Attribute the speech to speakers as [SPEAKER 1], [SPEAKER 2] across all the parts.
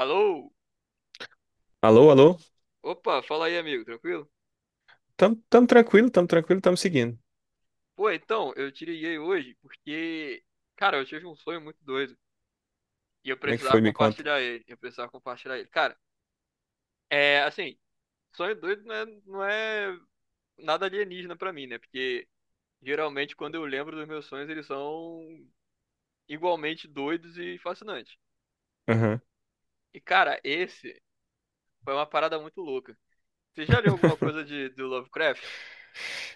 [SPEAKER 1] Alô?
[SPEAKER 2] Alô, alô?
[SPEAKER 1] Opa, fala aí, amigo, tranquilo?
[SPEAKER 2] Tamo tranquilo, tamo tranquilo, tamo seguindo.
[SPEAKER 1] Pô, então, eu te liguei hoje porque, cara, eu tive um sonho muito doido e eu
[SPEAKER 2] Como é que
[SPEAKER 1] precisava
[SPEAKER 2] foi? Me conta.
[SPEAKER 1] compartilhar ele. Eu precisava compartilhar ele. Cara, é assim, sonho doido não é nada alienígena pra mim, né? Porque geralmente quando eu lembro dos meus sonhos, eles são igualmente doidos e fascinantes.
[SPEAKER 2] Aham.
[SPEAKER 1] E, cara, esse foi uma parada muito louca. Você já leu alguma coisa do Lovecraft?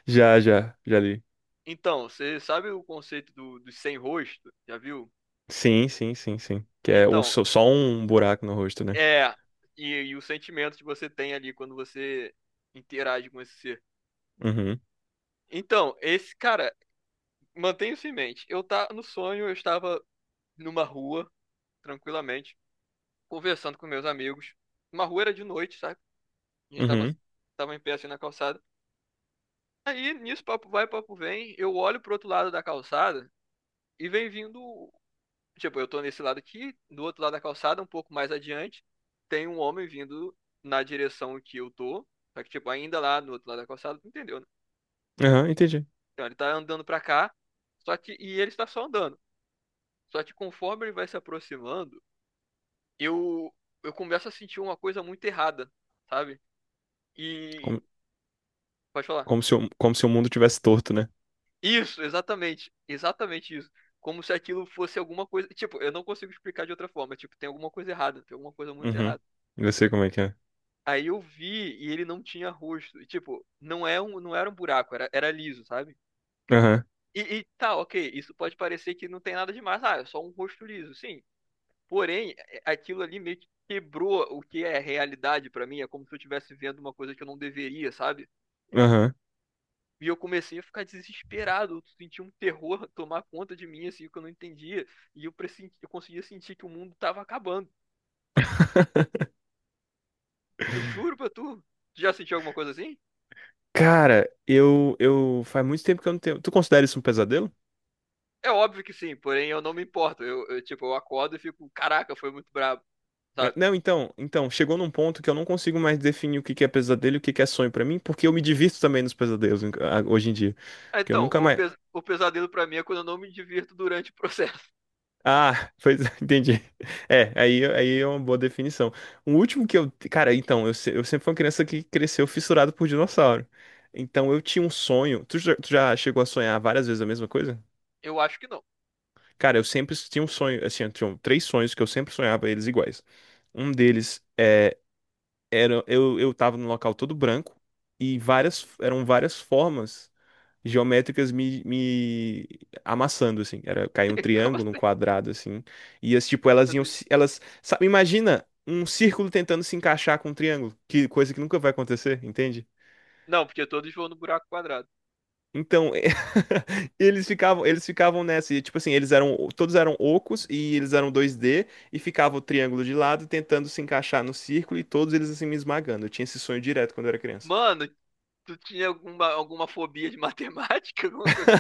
[SPEAKER 2] Já, já, já li.
[SPEAKER 1] Então, você sabe o conceito dos sem rosto? Já viu?
[SPEAKER 2] Sim, sim, sim, sim. Que é
[SPEAKER 1] Então.
[SPEAKER 2] só um buraco no rosto, né?
[SPEAKER 1] É, e o sentimento que você tem ali quando você interage com esse ser.
[SPEAKER 2] Uhum,
[SPEAKER 1] Então, esse cara, mantenha isso em mente. Eu tá no sonho, eu estava numa rua, tranquilamente, conversando com meus amigos. Uma rua era de noite, sabe? A gente tava,
[SPEAKER 2] uhum,
[SPEAKER 1] tava em pé assim na calçada. Aí, nisso, papo vai, papo vem. Eu olho pro outro lado da calçada e vem vindo. Tipo, eu tô nesse lado aqui, do outro lado da calçada, um pouco mais adiante, tem um homem vindo na direção que eu tô. Só que, tipo, ainda lá no outro lado da calçada, tu entendeu, né?
[SPEAKER 2] aham, entendi.
[SPEAKER 1] Então ele tá andando pra cá, só que. E ele está só andando. Só que conforme ele vai se aproximando, eu, eu começo a sentir uma coisa muito errada, sabe? E.
[SPEAKER 2] Como,
[SPEAKER 1] Pode falar.
[SPEAKER 2] como se o mundo tivesse torto, né?
[SPEAKER 1] Isso, exatamente. Exatamente isso. Como se aquilo fosse alguma coisa. Tipo, eu não consigo explicar de outra forma. Tipo, tem alguma coisa errada, tem alguma coisa muito
[SPEAKER 2] Uhum.
[SPEAKER 1] errada.
[SPEAKER 2] Eu sei como é que é.
[SPEAKER 1] Aí eu vi e ele não tinha rosto. E, tipo, não era um buraco, era liso, sabe?
[SPEAKER 2] Aham,
[SPEAKER 1] E, tá, ok, isso pode parecer que não tem nada demais. Ah, é só um rosto liso, sim. Porém, aquilo ali meio que quebrou o que é realidade pra mim. É como se eu estivesse vendo uma coisa que eu não deveria, sabe?
[SPEAKER 2] aham.
[SPEAKER 1] E eu comecei a ficar desesperado. Eu senti um terror tomar conta de mim, assim, que eu não entendia. Eu conseguia sentir que o mundo tava acabando. Eu juro pra tu. Tu já sentiu alguma coisa assim?
[SPEAKER 2] Cara, faz muito tempo que eu não tenho. Tu considera isso um pesadelo?
[SPEAKER 1] É óbvio que sim, porém eu não me importo. Eu, tipo, eu acordo e fico, caraca, foi muito brabo,
[SPEAKER 2] É,
[SPEAKER 1] sabe?
[SPEAKER 2] não, então, chegou num ponto que eu não consigo mais definir o que que é pesadelo e o que que é sonho pra mim, porque eu me divirto também nos pesadelos hoje em dia.
[SPEAKER 1] Ah,
[SPEAKER 2] Porque eu
[SPEAKER 1] então,
[SPEAKER 2] nunca
[SPEAKER 1] o,
[SPEAKER 2] mais...
[SPEAKER 1] pes- o pesadelo pra mim é quando eu não me divirto durante o processo.
[SPEAKER 2] Ah, pois entendi. É, aí é uma boa definição. O último que eu... Cara, então, eu, se- eu sempre fui uma criança que cresceu fissurado por dinossauro. Então eu tinha um sonho. Tu já chegou a sonhar várias vezes a mesma coisa?
[SPEAKER 1] Eu acho que não.
[SPEAKER 2] Cara, eu sempre tinha um sonho. Assim, eu tinha um, três sonhos que eu sempre sonhava eles iguais. Um deles era... Eu tava num local todo branco e eram várias formas geométricas me amassando, assim. Era cair um
[SPEAKER 1] Como
[SPEAKER 2] triângulo, um
[SPEAKER 1] assim?
[SPEAKER 2] quadrado, assim. Tipo, elas iam.
[SPEAKER 1] Assim,
[SPEAKER 2] Se- Elas. Sabe, imagina um círculo tentando se encaixar com um triângulo. Que coisa que nunca vai acontecer, entende?
[SPEAKER 1] não, porque todos vão no buraco quadrado.
[SPEAKER 2] Então, é, eles ficavam nessa, e tipo assim, todos eram ocos e eles eram dois d. E ficava o triângulo de lado tentando se encaixar no círculo e todos eles assim me esmagando. Eu tinha esse sonho direto quando eu era criança.
[SPEAKER 1] Mano, tu tinha alguma fobia de matemática? Alguma coisa?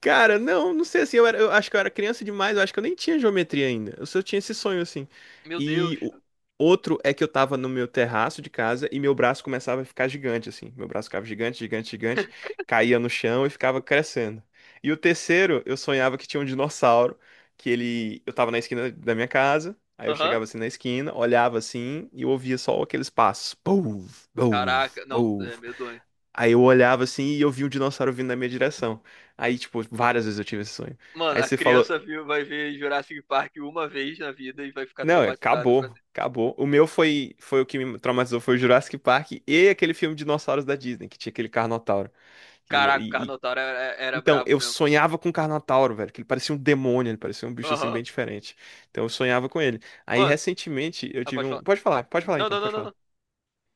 [SPEAKER 2] Cara, não, não sei assim, eu acho que eu era criança demais, eu acho que eu nem tinha geometria ainda. Eu só tinha esse sonho assim.
[SPEAKER 1] Meu Deus.
[SPEAKER 2] E o outro é que eu tava no meu terraço de casa e meu braço começava a ficar gigante assim. Meu braço ficava gigante, gigante, gigante, caía no chão e ficava crescendo. E o terceiro, eu sonhava que tinha um dinossauro, que ele, eu tava na esquina da minha casa, aí eu
[SPEAKER 1] Aham.
[SPEAKER 2] chegava assim na esquina, olhava assim e eu ouvia só aqueles passos, pou, pou,
[SPEAKER 1] Caraca, não,
[SPEAKER 2] pou.
[SPEAKER 1] é medonho.
[SPEAKER 2] Aí eu olhava assim e eu vi um dinossauro vindo na minha direção. Aí, tipo, várias vezes eu tive esse sonho.
[SPEAKER 1] Mano,
[SPEAKER 2] Aí
[SPEAKER 1] a
[SPEAKER 2] você falou,
[SPEAKER 1] criança viu, vai ver Jurassic Park uma vez na vida e vai ficar
[SPEAKER 2] não, é,
[SPEAKER 1] traumatizada pra
[SPEAKER 2] acabou,
[SPEAKER 1] sempre.
[SPEAKER 2] acabou. O meu foi o que me traumatizou, foi o Jurassic Park e aquele filme Dinossauros da Disney, que tinha aquele Carnotauro. E,
[SPEAKER 1] Caraca, o
[SPEAKER 2] e- e-
[SPEAKER 1] Carnotauro era
[SPEAKER 2] então,
[SPEAKER 1] brabo
[SPEAKER 2] eu
[SPEAKER 1] mesmo.
[SPEAKER 2] sonhava com o Carnotauro, velho, que ele parecia um demônio, ele parecia um bicho assim
[SPEAKER 1] Aham.
[SPEAKER 2] bem diferente. Então eu sonhava com ele. Aí
[SPEAKER 1] Mano,
[SPEAKER 2] recentemente eu
[SPEAKER 1] ah,
[SPEAKER 2] tive
[SPEAKER 1] pode
[SPEAKER 2] um...
[SPEAKER 1] falar.
[SPEAKER 2] Pode falar
[SPEAKER 1] Não,
[SPEAKER 2] então,
[SPEAKER 1] não, não,
[SPEAKER 2] pode
[SPEAKER 1] não,
[SPEAKER 2] falar.
[SPEAKER 1] não.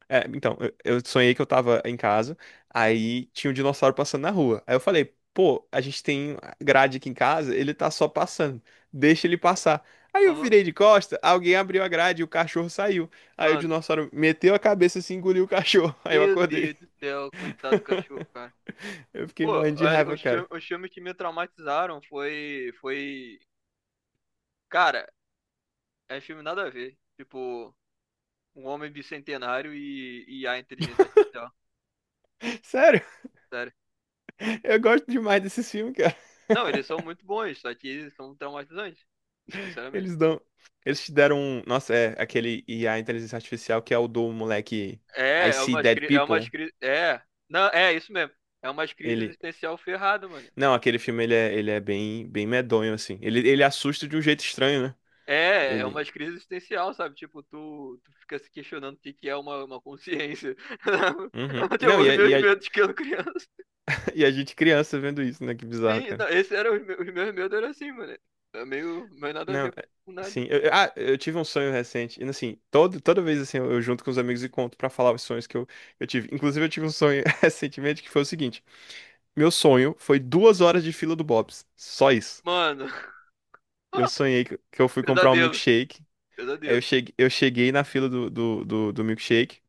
[SPEAKER 2] É, então, eu sonhei que eu tava em casa, aí tinha um dinossauro passando na rua. Aí eu falei, pô, a gente tem grade aqui em casa, ele tá só passando, deixa ele passar. Aí eu
[SPEAKER 1] Aham.
[SPEAKER 2] virei de costa, alguém abriu a grade e o cachorro saiu. Aí o
[SPEAKER 1] Mano,
[SPEAKER 2] dinossauro meteu a cabeça assim, e engoliu o cachorro. Aí eu
[SPEAKER 1] meu
[SPEAKER 2] acordei.
[SPEAKER 1] Deus do céu, coitado do cachorro, cara.
[SPEAKER 2] Eu fiquei
[SPEAKER 1] Pô,
[SPEAKER 2] morrendo de raiva,
[SPEAKER 1] os
[SPEAKER 2] cara.
[SPEAKER 1] filmes, os filmes que me traumatizaram foi, cara, é filme nada a ver. Tipo, um homem bicentenário e a inteligência artificial,
[SPEAKER 2] Sério,
[SPEAKER 1] sério.
[SPEAKER 2] eu gosto demais desses filmes, cara.
[SPEAKER 1] Não, eles são muito bons, só que eles são traumatizantes, sinceramente.
[SPEAKER 2] Eles dão... Eles te deram um... Nossa, é aquele I, a inteligência artificial, que é o do moleque
[SPEAKER 1] É,
[SPEAKER 2] I
[SPEAKER 1] é
[SPEAKER 2] See
[SPEAKER 1] uma,
[SPEAKER 2] Dead
[SPEAKER 1] é uma,
[SPEAKER 2] People.
[SPEAKER 1] é, não, é isso mesmo. É uma crise
[SPEAKER 2] Ele.
[SPEAKER 1] existencial ferrada, mano.
[SPEAKER 2] Não, aquele filme ele é bem, bem medonho, assim. Ele assusta de um jeito estranho, né?
[SPEAKER 1] É uma
[SPEAKER 2] Ele.
[SPEAKER 1] crise existencial, sabe? Tipo, tu fica se questionando o que que é uma consciência.
[SPEAKER 2] Uhum. Não,
[SPEAKER 1] Tipo, os meus medos que eu criança.
[SPEAKER 2] e a gente criança vendo isso, né? Que bizarro,
[SPEAKER 1] Sim,
[SPEAKER 2] cara.
[SPEAKER 1] não, esse era os meus medos era assim, mano. É meio, meio nada a
[SPEAKER 2] Não,
[SPEAKER 1] ver com nada.
[SPEAKER 2] sim. Eu tive um sonho recente. E assim, todo, toda vez assim, eu junto com os amigos e conto pra falar os sonhos que eu tive. Inclusive, eu tive um sonho recentemente que foi o seguinte: meu sonho foi 2 horas de fila do Bob's. Só isso.
[SPEAKER 1] Mano,
[SPEAKER 2] Eu sonhei que eu fui comprar um
[SPEAKER 1] pesadelo,
[SPEAKER 2] milkshake. Aí eu
[SPEAKER 1] pesadelo.
[SPEAKER 2] cheguei, eu cheguei na fila do milkshake.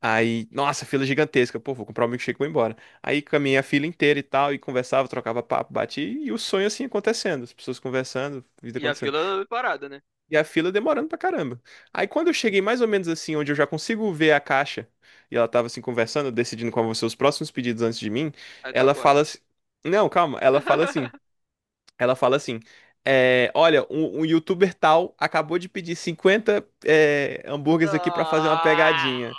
[SPEAKER 2] Aí, nossa, fila gigantesca. Pô, vou comprar o um milkshake e vou embora. Aí caminhei a fila inteira e tal, e conversava, trocava papo, bati, e o sonho assim acontecendo, as pessoas conversando, vida
[SPEAKER 1] E a
[SPEAKER 2] acontecendo.
[SPEAKER 1] fila é parada, né?
[SPEAKER 2] E a fila demorando pra caramba. Aí quando eu cheguei mais ou menos assim, onde eu já consigo ver a caixa, e ela tava assim conversando, decidindo qual vão ser os próximos pedidos antes de mim,
[SPEAKER 1] Aí tu
[SPEAKER 2] ela
[SPEAKER 1] acorda.
[SPEAKER 2] fala assim. Não, calma, ela fala assim. Ela fala assim. Olha, um youtuber tal acabou de pedir 50 hambúrgueres aqui pra fazer uma
[SPEAKER 1] Não,
[SPEAKER 2] pegadinha.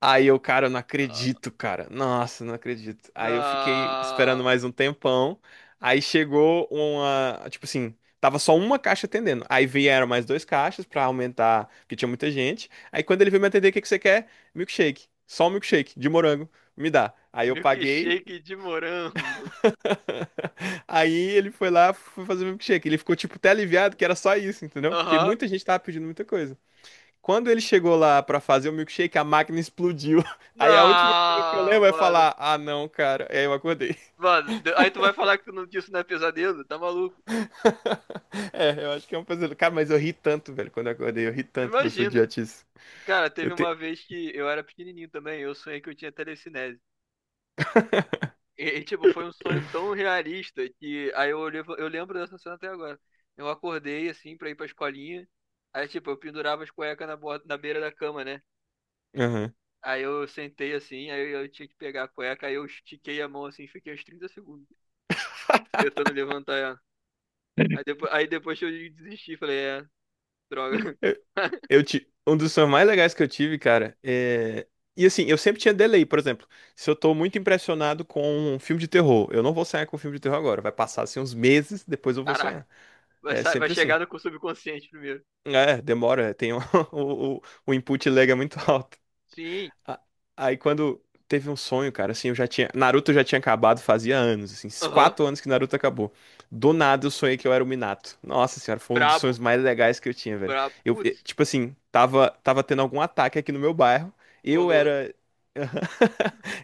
[SPEAKER 2] Aí eu, cara, eu não acredito, cara. Nossa, não acredito. Aí eu fiquei esperando
[SPEAKER 1] não.
[SPEAKER 2] mais um tempão. Aí chegou tipo assim, tava só uma caixa atendendo. Aí vieram mais dois caixas pra aumentar, porque tinha muita gente. Aí quando ele veio me atender, o que que você quer? Milkshake. Só um milkshake de morango. Me dá. Aí eu paguei.
[SPEAKER 1] Milkshake de morango.
[SPEAKER 2] Aí ele foi lá, foi fazer o milkshake. Ele ficou tipo até aliviado que era só isso, entendeu? Porque
[SPEAKER 1] Aham.
[SPEAKER 2] muita gente tava pedindo muita coisa. Quando ele chegou lá pra fazer o milkshake, a máquina explodiu. Aí a última coisa que eu
[SPEAKER 1] Não,
[SPEAKER 2] lembro é
[SPEAKER 1] mano.
[SPEAKER 2] falar: ah, não, cara. E aí eu acordei.
[SPEAKER 1] Mano, aí tu vai falar que tu não, que isso não é pesadelo? Tá maluco?
[SPEAKER 2] É, eu acho que é um pesadelo. Cara, mas eu ri tanto, velho, quando eu acordei. Eu ri tanto dessa
[SPEAKER 1] Imagina.
[SPEAKER 2] idiotice.
[SPEAKER 1] Cara,
[SPEAKER 2] Eu
[SPEAKER 1] teve
[SPEAKER 2] te...
[SPEAKER 1] uma vez que eu era pequenininho também, eu sonhei que eu tinha telecinese. E, tipo, foi um sonho tão realista que aí eu olhei, eu lembro dessa cena até agora. Eu acordei assim pra ir pra escolinha. Aí, tipo, eu pendurava as cuecas na beira da cama, né?
[SPEAKER 2] Aham.
[SPEAKER 1] Aí eu sentei assim, aí eu tinha que pegar a cueca, aí eu estiquei a mão assim, fiquei uns 30 segundos tentando levantar ela. Aí depois que eu desisti, falei, droga.
[SPEAKER 2] Eu, Um dos sonhos mais legais que eu tive, cara, é... E assim, eu sempre tinha delay, por exemplo. Se eu tô muito impressionado com um filme de terror, eu não vou sonhar com um filme de terror agora. Vai passar assim uns meses, depois eu vou
[SPEAKER 1] Caraca.
[SPEAKER 2] sonhar.
[SPEAKER 1] Vai,
[SPEAKER 2] É
[SPEAKER 1] vai
[SPEAKER 2] sempre assim.
[SPEAKER 1] chegar no subconsciente primeiro.
[SPEAKER 2] É, demora, o input lag é muito alto.
[SPEAKER 1] Sim.
[SPEAKER 2] A- Aí quando teve um sonho, cara, assim, eu já tinha. Naruto já tinha acabado fazia anos, assim, esses
[SPEAKER 1] Aham. Uhum.
[SPEAKER 2] 4 anos que Naruto acabou. Do nada eu sonhei que eu era o Minato. Nossa senhora, foi um dos
[SPEAKER 1] Brabo.
[SPEAKER 2] sonhos mais legais que eu tinha, velho.
[SPEAKER 1] Brabo.
[SPEAKER 2] Eu, eh,
[SPEAKER 1] Putz,
[SPEAKER 2] tipo assim, tava tendo algum ataque aqui no meu bairro. Eu
[SPEAKER 1] Konoha.
[SPEAKER 2] era.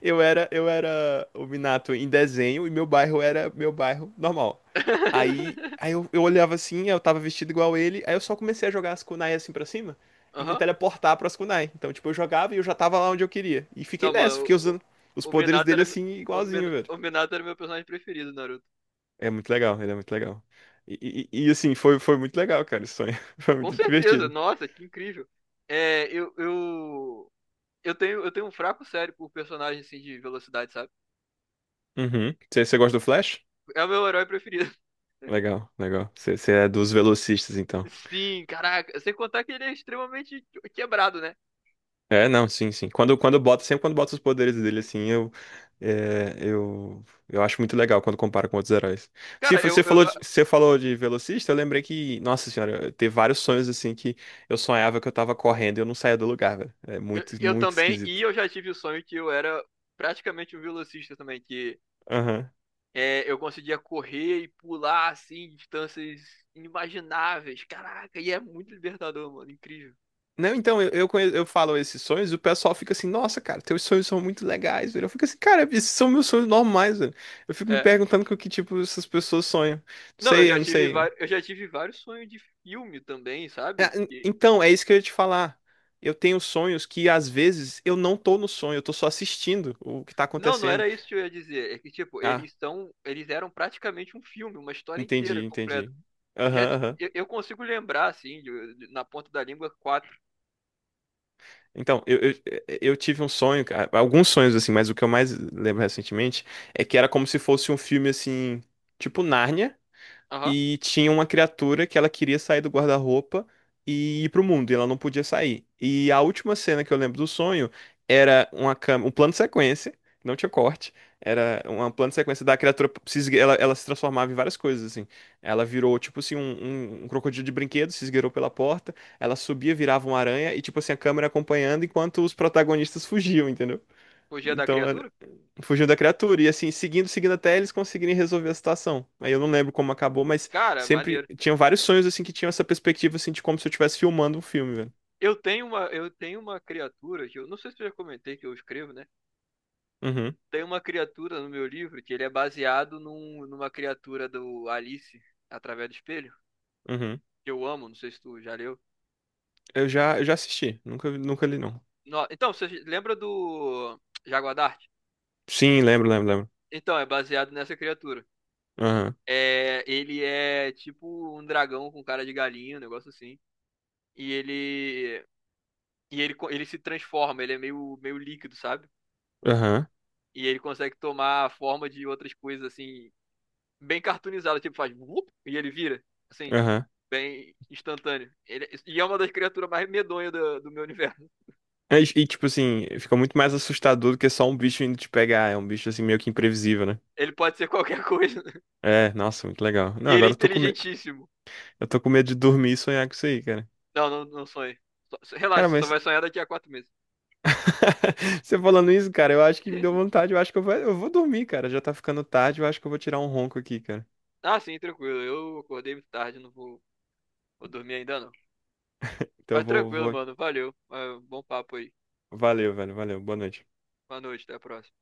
[SPEAKER 2] Eu era o Minato em desenho e meu bairro era meu bairro normal. Aí, aí eu olhava assim, eu tava vestido igual ele, aí eu só comecei a jogar as kunai assim pra cima e me
[SPEAKER 1] Aham.
[SPEAKER 2] teleportar pra Askunai. Então, tipo, eu jogava e eu já tava lá onde eu queria. E fiquei
[SPEAKER 1] Não,
[SPEAKER 2] nessa,
[SPEAKER 1] mano,
[SPEAKER 2] fiquei usando os
[SPEAKER 1] o
[SPEAKER 2] poderes
[SPEAKER 1] Minato
[SPEAKER 2] dele
[SPEAKER 1] era.
[SPEAKER 2] assim,
[SPEAKER 1] O, Min-
[SPEAKER 2] igualzinho, velho.
[SPEAKER 1] o Minato era meu personagem preferido, Naruto.
[SPEAKER 2] É muito legal, ele é muito legal. Assim, foi muito legal, cara, esse sonho. Foi
[SPEAKER 1] Com
[SPEAKER 2] muito
[SPEAKER 1] certeza,
[SPEAKER 2] divertido.
[SPEAKER 1] nossa, que incrível. É, eu tenho um fraco sério por personagem assim de velocidade, sabe?
[SPEAKER 2] Uhum. Você gosta do Flash?
[SPEAKER 1] É o meu herói preferido.
[SPEAKER 2] Legal, legal. Você é dos velocistas, então.
[SPEAKER 1] Sim, caraca. Sem contar que ele é extremamente quebrado, né?
[SPEAKER 2] É, não, sim, sim. Quando bota, sempre quando bota os poderes dele, assim, eu acho muito legal quando compara com outros heróis. Se
[SPEAKER 1] Cara,
[SPEAKER 2] fo-
[SPEAKER 1] eu,
[SPEAKER 2] você
[SPEAKER 1] eu,
[SPEAKER 2] falou, você falou de velocista, eu lembrei que, nossa senhora, eu teve vários sonhos, assim, que eu sonhava que eu tava correndo e eu não saía do lugar, velho. É
[SPEAKER 1] Eu,
[SPEAKER 2] muito,
[SPEAKER 1] eu
[SPEAKER 2] muito
[SPEAKER 1] também, e
[SPEAKER 2] esquisito.
[SPEAKER 1] eu já tive o sonho que eu era praticamente um velocista também, que
[SPEAKER 2] Aham.
[SPEAKER 1] eu conseguia correr e pular assim, distâncias inimagináveis. Caraca, e é muito libertador, mano, incrível.
[SPEAKER 2] Não, então, eu falo esses sonhos e o pessoal fica assim, nossa, cara, teus sonhos são muito legais, velho. Eu fico assim, cara, esses são meus sonhos normais, velho. Eu fico me
[SPEAKER 1] É.
[SPEAKER 2] perguntando com que tipo essas pessoas sonham. Não
[SPEAKER 1] Não, eu
[SPEAKER 2] sei,
[SPEAKER 1] já
[SPEAKER 2] eu não
[SPEAKER 1] tive,
[SPEAKER 2] sei.
[SPEAKER 1] va- eu já tive vários sonhos de filme também,
[SPEAKER 2] É,
[SPEAKER 1] sabe?
[SPEAKER 2] então, é isso que eu ia te falar. Eu tenho sonhos que às vezes eu não tô no sonho, eu tô só assistindo o que tá
[SPEAKER 1] Não, não
[SPEAKER 2] acontecendo.
[SPEAKER 1] era isso que eu ia dizer. É que, tipo,
[SPEAKER 2] Ah,
[SPEAKER 1] eles eram praticamente um filme, uma história inteira
[SPEAKER 2] entendi,
[SPEAKER 1] completa.
[SPEAKER 2] entendi.
[SPEAKER 1] Já,
[SPEAKER 2] Aham,
[SPEAKER 1] ti-
[SPEAKER 2] aham.
[SPEAKER 1] eu, eu consigo lembrar, assim, na ponta da língua, quatro.
[SPEAKER 2] Então, eu tive um sonho, cara, alguns sonhos assim, mas o que eu mais lembro recentemente é que era como se fosse um filme assim, tipo Nárnia.
[SPEAKER 1] Aham.
[SPEAKER 2] E tinha uma criatura que ela queria sair do guarda-roupa e ir pro mundo, e ela não podia sair. E a última cena que eu lembro do sonho era uma câmera, um plano de sequência, não tinha corte, era um plano de sequência da criatura, se esgue- ela se transformava em várias coisas, assim. Ela virou, tipo assim, um crocodilo de brinquedo, se esgueirou pela porta, ela subia, virava uma aranha, e tipo assim, a câmera acompanhando enquanto os protagonistas fugiam, entendeu?
[SPEAKER 1] O Dia da
[SPEAKER 2] Então
[SPEAKER 1] Criatura?
[SPEAKER 2] fugiu da criatura, e assim, seguindo, seguindo até eles conseguirem resolver a situação. Aí eu não lembro como acabou, mas
[SPEAKER 1] Cara,
[SPEAKER 2] sempre
[SPEAKER 1] maneiro.
[SPEAKER 2] tinha vários sonhos assim que tinham essa perspectiva assim de como se eu estivesse filmando um filme, velho.
[SPEAKER 1] Eu tenho uma criatura que eu não sei se eu já comentei que eu escrevo, né?
[SPEAKER 2] Uhum,
[SPEAKER 1] Tem uma criatura no meu livro que ele é baseado numa criatura do Alice através do espelho,
[SPEAKER 2] uhum.
[SPEAKER 1] que eu amo, não sei se tu já leu.
[SPEAKER 2] Eu já assisti, nunca, nunca li não.
[SPEAKER 1] Então, você lembra do Jaguar Dart?
[SPEAKER 2] Sim, lembro, lembro, lembro.
[SPEAKER 1] Então, é baseado nessa criatura.
[SPEAKER 2] Aham,
[SPEAKER 1] É, ele é tipo um dragão com cara de galinha, um negócio assim. E ele e ele se transforma, ele é meio meio líquido, sabe?
[SPEAKER 2] aham,
[SPEAKER 1] E ele consegue tomar a forma de outras coisas assim bem cartoonizado, tipo, faz vup, e ele vira, assim,
[SPEAKER 2] aham.
[SPEAKER 1] bem instantâneo. E é uma das criaturas mais medonhas do meu universo.
[SPEAKER 2] Tipo assim, fica muito mais assustador do que só um bicho indo te pegar, é um bicho assim meio que imprevisível, né?
[SPEAKER 1] Ele pode ser qualquer coisa.
[SPEAKER 2] É, nossa, muito legal. Não,
[SPEAKER 1] E ele é
[SPEAKER 2] agora eu tô com medo,
[SPEAKER 1] inteligentíssimo.
[SPEAKER 2] eu tô com medo de dormir e sonhar com isso aí, cara.
[SPEAKER 1] Não, não, não sonhe.
[SPEAKER 2] Cara,
[SPEAKER 1] Relaxa, você só
[SPEAKER 2] mas
[SPEAKER 1] vai sonhar daqui a 4 meses.
[SPEAKER 2] você falando isso, cara, eu acho que me deu vontade. Eu acho que eu vou dormir, cara. Já tá ficando tarde. Eu acho que eu vou tirar um ronco aqui, cara.
[SPEAKER 1] Ah, sim, tranquilo. Eu acordei muito tarde, não vou, vou dormir ainda não.
[SPEAKER 2] Então
[SPEAKER 1] Mas
[SPEAKER 2] eu vou,
[SPEAKER 1] tranquilo,
[SPEAKER 2] vou.
[SPEAKER 1] mano. Valeu. Ah, bom papo aí.
[SPEAKER 2] Valeu, velho. Valeu. Boa noite.
[SPEAKER 1] Boa noite, até a próxima.